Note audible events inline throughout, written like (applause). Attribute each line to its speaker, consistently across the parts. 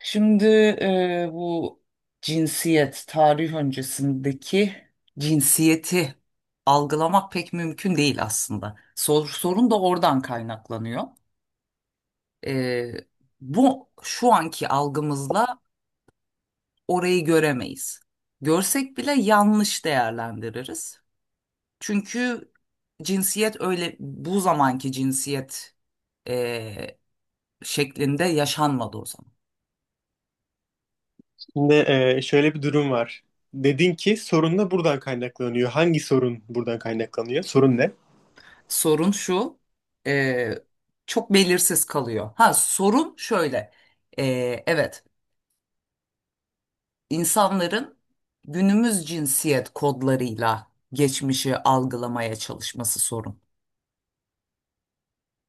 Speaker 1: Şimdi bu cinsiyet, tarih öncesindeki cinsiyeti algılamak pek mümkün değil aslında. Sorun da oradan kaynaklanıyor. E, bu şu anki algımızla orayı göremeyiz. Görsek bile yanlış değerlendiririz. Çünkü cinsiyet öyle, bu zamanki cinsiyet e, şeklinde yaşanmadı o zaman.
Speaker 2: Şimdi şöyle bir durum var. Dedin ki sorun da buradan kaynaklanıyor. Hangi sorun buradan kaynaklanıyor? Sorun ne?
Speaker 1: Sorun şu, e, çok belirsiz kalıyor. Ha, sorun şöyle, e, evet, insanların günümüz cinsiyet kodlarıyla geçmişi algılamaya çalışması sorun.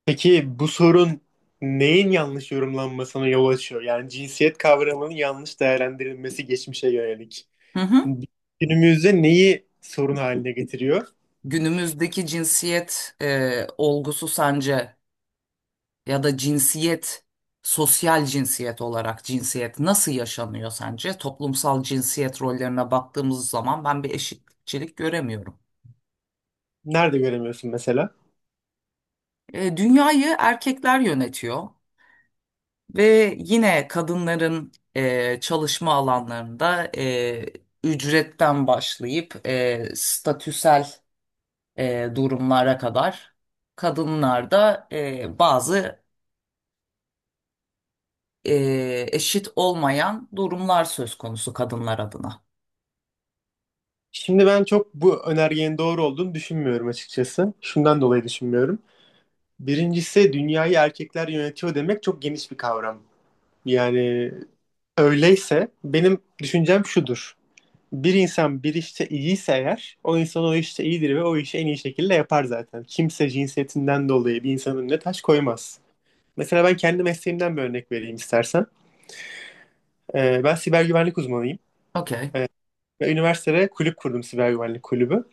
Speaker 2: Peki bu sorun neyin yanlış yorumlanmasına yol açıyor? Yani cinsiyet kavramının yanlış değerlendirilmesi geçmişe yönelik.
Speaker 1: Hı hı.
Speaker 2: Günümüzde neyi sorun haline getiriyor?
Speaker 1: Günümüzdeki cinsiyet olgusu sence, ya da cinsiyet, sosyal cinsiyet olarak cinsiyet nasıl yaşanıyor sence? Toplumsal cinsiyet rollerine baktığımız zaman ben bir eşitçilik göremiyorum.
Speaker 2: Nerede göremiyorsun mesela?
Speaker 1: Dünyayı erkekler yönetiyor. Ve yine kadınların çalışma alanlarında ücretten başlayıp statüsel durumlara kadar kadınlarda bazı eşit olmayan durumlar söz konusu kadınlar adına.
Speaker 2: Şimdi ben çok bu önergenin doğru olduğunu düşünmüyorum açıkçası. Şundan dolayı düşünmüyorum. Birincisi dünyayı erkekler yönetiyor demek çok geniş bir kavram. Yani öyleyse benim düşüncem şudur. Bir insan bir işte iyiyse eğer o insan o işte iyidir ve o işi en iyi şekilde yapar zaten. Kimse cinsiyetinden dolayı bir insanın önüne taş koymaz. Mesela ben kendi mesleğimden bir örnek vereyim istersen. Ben siber güvenlik uzmanıyım
Speaker 1: Okey,
Speaker 2: ve üniversitede kulüp kurdum siber güvenlik kulübü.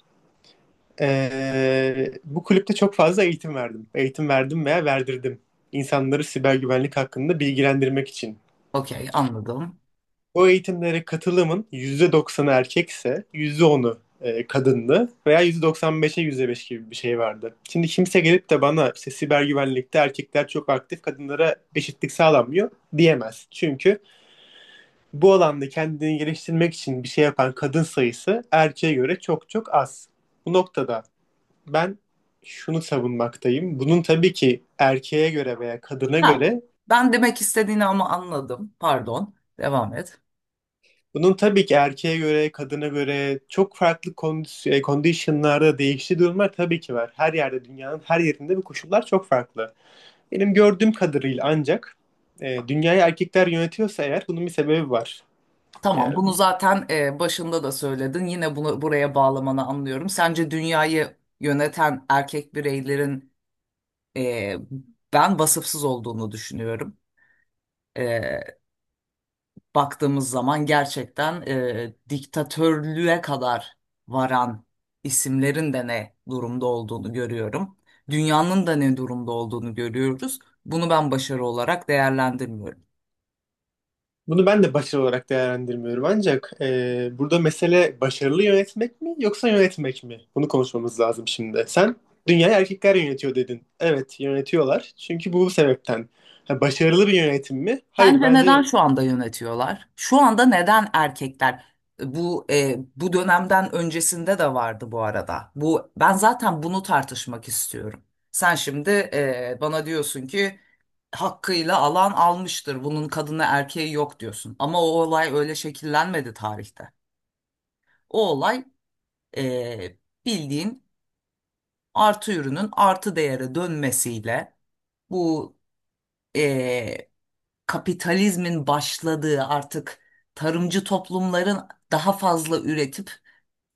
Speaker 2: Bu kulüpte çok fazla eğitim verdim. Eğitim verdim veya verdirdim. İnsanları siber güvenlik hakkında bilgilendirmek için.
Speaker 1: okey, anladım.
Speaker 2: Bu eğitimlere katılımın %90'ı erkekse %10'u kadındı veya %95'e %5 gibi bir şey vardı. Şimdi kimse gelip de bana işte siber güvenlikte erkekler çok aktif, kadınlara eşitlik sağlanmıyor diyemez. Çünkü bu alanda kendini geliştirmek için bir şey yapan kadın sayısı erkeğe göre çok çok az. Bu noktada ben şunu savunmaktayım. Bunun tabii ki erkeğe göre veya kadına
Speaker 1: Ha,
Speaker 2: göre.
Speaker 1: ben demek istediğini ama anladım. Pardon, devam et.
Speaker 2: Bunun tabii ki erkeğe göre, kadına göre çok farklı conditionlarda değiştiği durumlar tabii ki var. Her yerde, dünyanın her yerinde bu koşullar çok farklı. Benim gördüğüm kadarıyla ancak dünyayı erkekler yönetiyorsa eğer bunun bir sebebi var.
Speaker 1: Tamam,
Speaker 2: Yani
Speaker 1: bunu zaten başında da söyledin. Yine bunu buraya bağlamanı anlıyorum. Sence dünyayı yöneten erkek bireylerin, e, ben vasıfsız olduğunu düşünüyorum. E, baktığımız zaman gerçekten diktatörlüğe kadar varan isimlerin de ne durumda olduğunu görüyorum. Dünyanın da ne durumda olduğunu görüyoruz. Bunu ben başarı olarak değerlendirmiyorum.
Speaker 2: bunu ben de başarı olarak değerlendirmiyorum. Ancak burada mesele başarılı yönetmek mi yoksa yönetmek mi? Bunu konuşmamız lazım şimdi. Sen dünyayı erkekler yönetiyor dedin. Evet, yönetiyorlar. Çünkü bu sebepten. Ha, başarılı bir yönetim mi? Hayır,
Speaker 1: Sence
Speaker 2: bence.
Speaker 1: neden şu anda yönetiyorlar? Şu anda neden erkekler? Bu dönemden öncesinde de vardı bu arada. Bu, ben zaten bunu tartışmak istiyorum. Sen şimdi bana diyorsun ki hakkıyla alan almıştır. Bunun kadını erkeği yok diyorsun. Ama o olay öyle şekillenmedi tarihte. O olay, e, bildiğin, artı ürünün artı değere dönmesiyle bu, e, kapitalizmin başladığı, artık tarımcı toplumların daha fazla üretip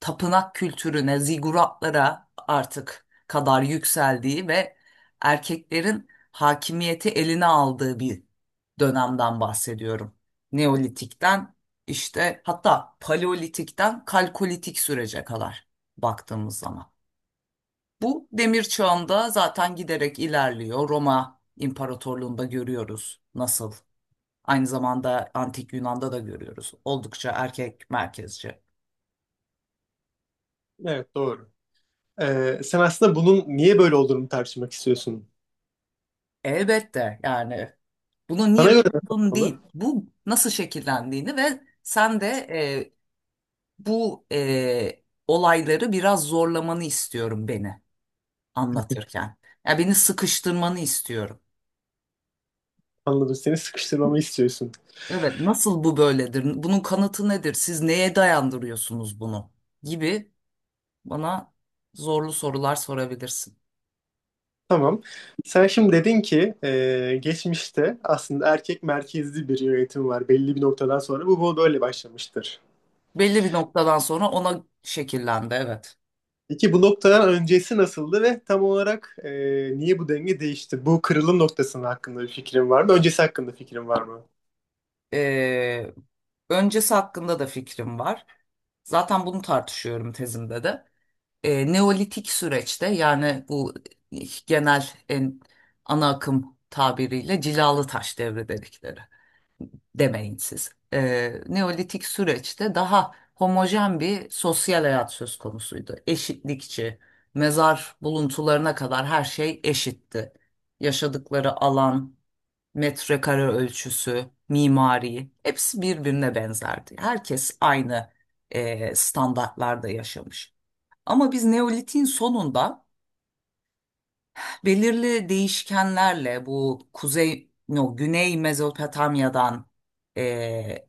Speaker 1: tapınak kültürüne, ziguratlara artık kadar yükseldiği ve erkeklerin hakimiyeti eline aldığı bir dönemden bahsediyorum. Neolitikten işte, hatta paleolitikten kalkolitik sürece kadar baktığımız zaman. Bu demir çağında zaten giderek ilerliyor. Roma İmparatorluğu'nda görüyoruz nasıl. Aynı zamanda Antik Yunan'da da görüyoruz. Oldukça erkek merkezci.
Speaker 2: Evet, doğru. Sen aslında bunun niye böyle olduğunu tartışmak istiyorsun.
Speaker 1: Elbette, yani bunu
Speaker 2: Sana
Speaker 1: niye
Speaker 2: göre nasıl
Speaker 1: buldun
Speaker 2: olmalı?
Speaker 1: değil, bu nasıl şekillendiğini. Ve sen de bu olayları biraz zorlamanı istiyorum beni anlatırken. Ya, beni sıkıştırmanı istiyorum.
Speaker 2: Anladım. Seni sıkıştırmamı istiyorsun.
Speaker 1: Evet, nasıl bu böyledir? Bunun kanıtı nedir? Siz neye dayandırıyorsunuz bunu? gibi, bana zorlu sorular sorabilirsin.
Speaker 2: Tamam. Sen şimdi dedin ki geçmişte aslında erkek merkezli bir yönetim var. Belli bir noktadan sonra bu böyle başlamıştır.
Speaker 1: Belli bir noktadan sonra ona şekillendi, evet.
Speaker 2: Peki bu noktadan öncesi nasıldı ve tam olarak niye bu denge değişti? Bu kırılım noktasının hakkında bir fikrin var mı? Öncesi hakkında fikrin var mı?
Speaker 1: Ee, öncesi hakkında da fikrim var. Zaten bunu tartışıyorum tezimde de. Neolitik süreçte, yani bu genel en ana akım tabiriyle cilalı taş devri dedikleri, demeyin siz. Neolitik süreçte daha homojen bir sosyal hayat söz konusuydu. Eşitlikçi, mezar buluntularına kadar her şey eşitti. Yaşadıkları alan, metrekare ölçüsü, mimari, hepsi birbirine benzerdi. Herkes aynı standartlarda yaşamış. Ama biz Neolitik'in sonunda belirli değişkenlerle, bu kuzey, no, güney Mezopotamya'dan e,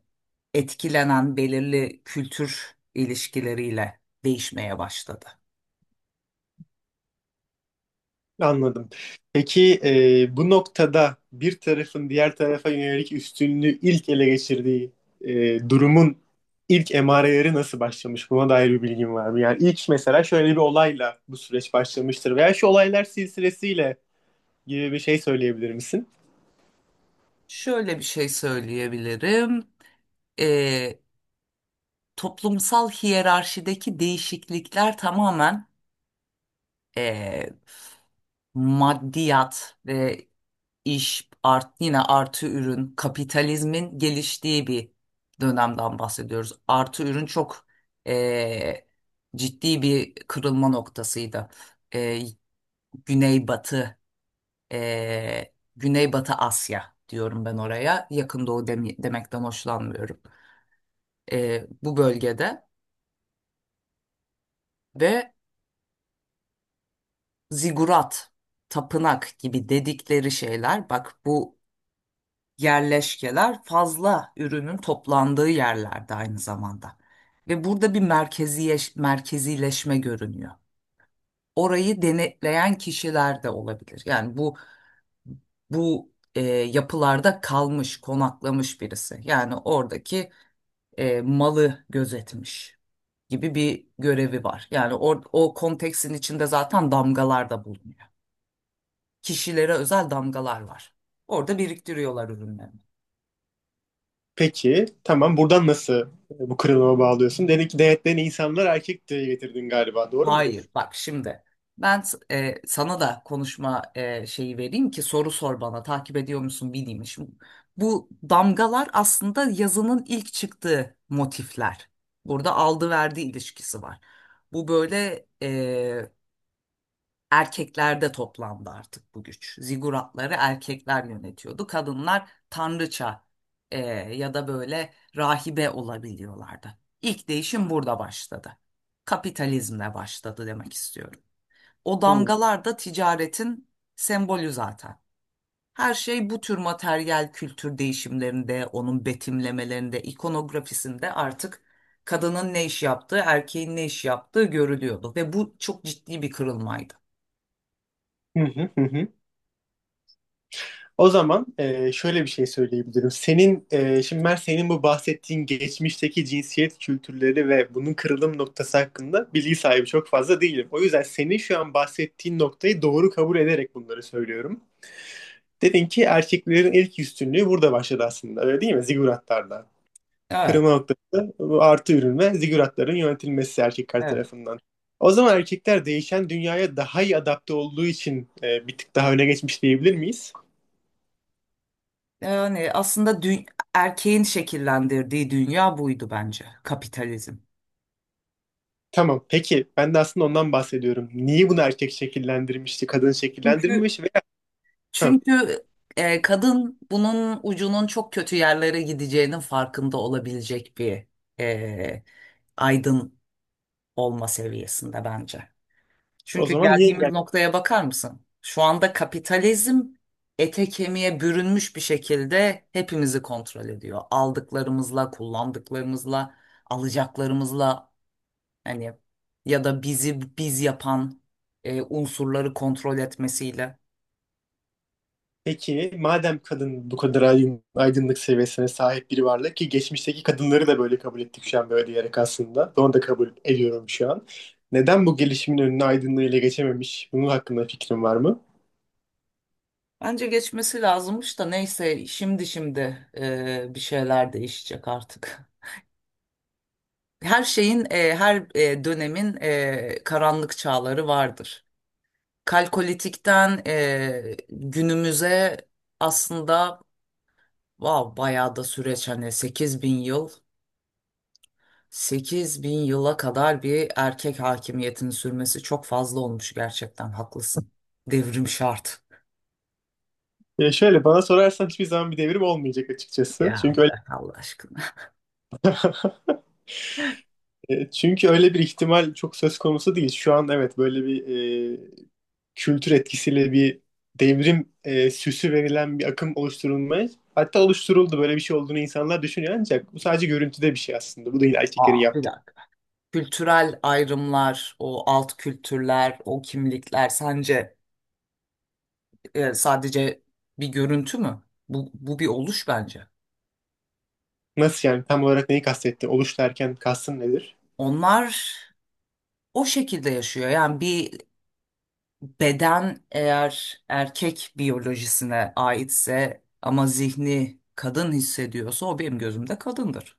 Speaker 1: etkilenen belirli kültür ilişkileriyle değişmeye başladı.
Speaker 2: Anladım. Peki bu noktada bir tarafın diğer tarafa yönelik üstünlüğü ilk ele geçirdiği durumun ilk emareleri nasıl başlamış? Buna dair bir bilgin var mı? Yani ilk mesela şöyle bir olayla bu süreç başlamıştır veya şu olaylar silsilesiyle gibi bir şey söyleyebilir misin?
Speaker 1: Şöyle bir şey söyleyebilirim. E, Toplumsal hiyerarşideki değişiklikler tamamen eee, maddiyat ve iş yine artı ürün, kapitalizmin geliştiği bir dönemden bahsediyoruz. Artı ürün çok eee, ciddi bir kırılma noktasıydı. Eee Güneybatı, Güneybatı Asya diyorum ben oraya. Yakın Doğu demekten hoşlanmıyorum. Bu bölgede ve zigurat, tapınak gibi dedikleri şeyler, bak, bu yerleşkeler fazla ürünün toplandığı yerlerde aynı zamanda. Ve burada bir merkezileşme görünüyor. Orayı denetleyen kişiler de olabilir. Yani bu, yapılarda kalmış, konaklamış birisi. Yani oradaki malı gözetmiş gibi bir görevi var. Yani o konteksin içinde zaten damgalar da bulunuyor. Kişilere özel damgalar var. Orada biriktiriyorlar ürünlerini.
Speaker 2: Peki tamam buradan nasıl bu kırılıma bağlıyorsun? Dedin ki denetleyen insanlar erkek diye getirdin galiba, doğru mudur?
Speaker 1: Hayır, bak şimdi ben sana da konuşma şeyi vereyim ki soru sor bana, takip ediyor musun bileyim. Şimdi bu damgalar aslında yazının ilk çıktığı motifler. Burada aldı verdi ilişkisi var. Bu böyle, erkeklerde toplandı artık bu güç. Ziguratları erkekler yönetiyordu. Kadınlar tanrıça, e, ya da böyle rahibe olabiliyorlardı. İlk değişim burada başladı. Kapitalizmle başladı demek istiyorum. O
Speaker 2: Hı.
Speaker 1: damgalar da ticaretin sembolü zaten. Her şey bu tür materyal kültür değişimlerinde, onun betimlemelerinde, ikonografisinde artık kadının ne iş yaptığı, erkeğin ne iş yaptığı görülüyordu ve bu çok ciddi bir kırılmaydı.
Speaker 2: Hı hı hı, hı. O zaman şöyle bir şey söyleyebilirim. Senin şimdi ben senin bu bahsettiğin geçmişteki cinsiyet kültürleri ve bunun kırılım noktası hakkında bilgi sahibi çok fazla değilim. O yüzden senin şu an bahsettiğin noktayı doğru kabul ederek bunları söylüyorum. Dedin ki erkeklerin ilk üstünlüğü burada başladı aslında. Öyle değil mi? Ziguratlarda.
Speaker 1: Evet.
Speaker 2: Kırılma noktası bu artı ürün ve ziguratların yönetilmesi erkekler
Speaker 1: Evet.
Speaker 2: tarafından. O zaman erkekler değişen dünyaya daha iyi adapte olduğu için bir tık daha öne geçmiş diyebilir miyiz?
Speaker 1: Yani aslında erkeğin şekillendirdiği dünya buydu bence, kapitalizm.
Speaker 2: Tamam. Peki ben de aslında ondan bahsediyorum. Niye bunu erkek şekillendirmişti, kadın
Speaker 1: Çünkü
Speaker 2: şekillendirmemiş veya? Ha,
Speaker 1: çünkü kadın bunun ucunun çok kötü yerlere gideceğinin farkında olabilecek bir, e, aydın olma seviyesinde bence.
Speaker 2: o
Speaker 1: Çünkü
Speaker 2: zaman niye
Speaker 1: geldiğimiz
Speaker 2: engel?
Speaker 1: noktaya bakar mısın? Şu anda kapitalizm ete kemiğe bürünmüş bir şekilde hepimizi kontrol ediyor. Aldıklarımızla, kullandıklarımızla, alacaklarımızla, hani, ya da bizi biz yapan unsurları kontrol etmesiyle.
Speaker 2: Peki madem kadın bu kadar aydınlık seviyesine sahip biri varlık ki geçmişteki kadınları da böyle kabul ettik şu an böyle diyerek aslında. Onu da kabul ediyorum şu an. Neden bu gelişimin önüne aydınlığıyla geçememiş? Bunun hakkında fikrin var mı?
Speaker 1: Bence geçmesi lazımmış da, neyse, şimdi bir şeyler değişecek artık. (laughs) Her şeyin, her dönemin karanlık çağları vardır. Kalkolitikten günümüze aslında, wow, bayağı da süreç, hani 8000 yıl 8 bin yıla kadar bir erkek hakimiyetinin sürmesi çok fazla olmuş, gerçekten haklısın. Devrim şart.
Speaker 2: Ya şöyle bana sorarsan hiçbir zaman bir devrim olmayacak açıkçası.
Speaker 1: Ya
Speaker 2: Çünkü öyle
Speaker 1: bırak Allah aşkına.
Speaker 2: e, çünkü öyle bir ihtimal çok söz konusu değil. Şu an evet böyle bir e, kültür etkisiyle bir devrim süsü verilen bir akım oluşturulmaya, hatta oluşturuldu, böyle bir şey olduğunu insanlar düşünüyor, ancak bu sadece görüntüde bir şey aslında. Bu değil erkeklerin
Speaker 1: Aa, bir
Speaker 2: yaptığı.
Speaker 1: dakika. Kültürel ayrımlar, o alt kültürler, o kimlikler sence sadece bir görüntü mü? Bu bir oluş bence.
Speaker 2: Nasıl yani, tam olarak neyi kastettin? Oluş derken kastın nedir?
Speaker 1: Onlar o şekilde yaşıyor. Yani bir beden eğer erkek biyolojisine aitse ama zihni kadın hissediyorsa, o benim gözümde kadındır.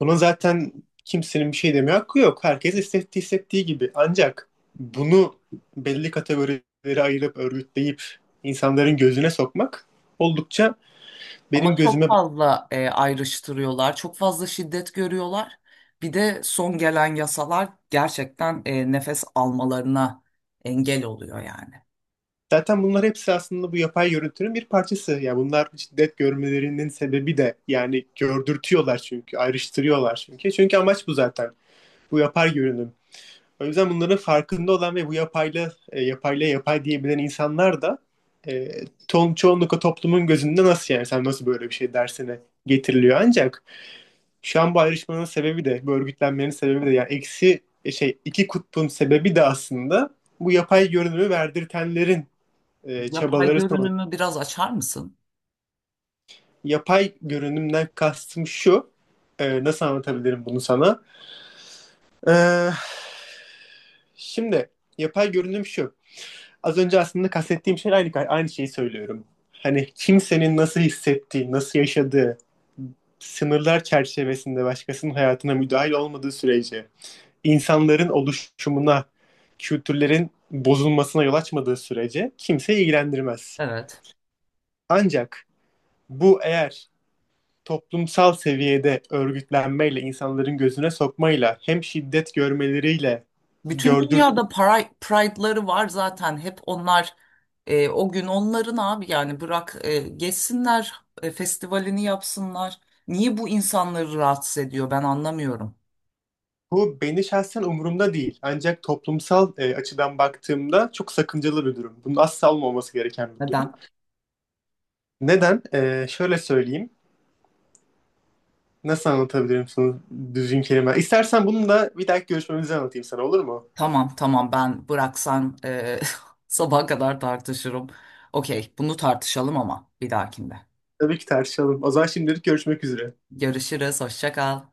Speaker 2: Buna zaten kimsenin bir şey demeye hakkı yok. Herkes hissettiği hissettiği gibi. Ancak bunu belli kategorilere ayırıp örgütleyip insanların gözüne sokmak oldukça benim
Speaker 1: Ama çok
Speaker 2: gözüme.
Speaker 1: fazla ayrıştırıyorlar, çok fazla şiddet görüyorlar. Bir de son gelen yasalar gerçekten nefes almalarına engel oluyor yani.
Speaker 2: Zaten bunlar hepsi aslında bu yapay görüntünün bir parçası. Yani bunlar şiddet görmelerinin sebebi de, yani gördürtüyorlar çünkü, ayrıştırıyorlar çünkü. Çünkü amaç bu zaten. Bu yapay görünüm. O yüzden bunların farkında olan ve bu yapayla yapay diyebilen insanlar da e, çoğunlukla toplumun gözünde nasıl yani sen nasıl böyle bir şey dersine getiriliyor. Ancak şu an bu ayrışmanın sebebi de, bu örgütlenmenin sebebi de, yani eksi şey iki kutbun sebebi de, aslında bu yapay görünümü verdirtenlerin
Speaker 1: Yapay
Speaker 2: çabaları sonucu.
Speaker 1: görünümü biraz açar mısın?
Speaker 2: Yapay görünümden kastım şu. Nasıl anlatabilirim bunu sana? Ee, şimdi yapay görünüm şu. Az önce aslında kastettiğim şey, aynı şeyi söylüyorum. Hani kimsenin nasıl hissettiği, nasıl yaşadığı, sınırlar çerçevesinde başkasının hayatına müdahil olmadığı sürece, insanların oluşumuna, kültürlerin bozulmasına yol açmadığı sürece kimse ilgilendirmez.
Speaker 1: Evet.
Speaker 2: Ancak bu eğer toplumsal seviyede örgütlenmeyle, insanların gözüne sokmayla, hem şiddet görmeleriyle
Speaker 1: Bütün
Speaker 2: gördür
Speaker 1: dünyada Pride'ları var zaten. Hep onlar o gün onların, abi yani bırak, geçsinler, festivalini yapsınlar. Niye bu insanları rahatsız ediyor, ben anlamıyorum.
Speaker 2: bu beni şahsen umurumda değil. Ancak toplumsal açıdan baktığımda çok sakıncalı bir durum. Bunun asla olmaması gereken bir durum.
Speaker 1: Neden?
Speaker 2: Neden? Şöyle söyleyeyim. Nasıl anlatabilirim sana düzgün kelime? İstersen bunu da bir dahaki görüşmemizi anlatayım sana, olur mu?
Speaker 1: Tamam, tamam, ben bıraksan (laughs) sabaha kadar tartışırım. Okey, bunu tartışalım ama bir dahakinde.
Speaker 2: Tabii ki tartışalım. O zaman şimdilik görüşmek üzere.
Speaker 1: Görüşürüz, hoşça kal.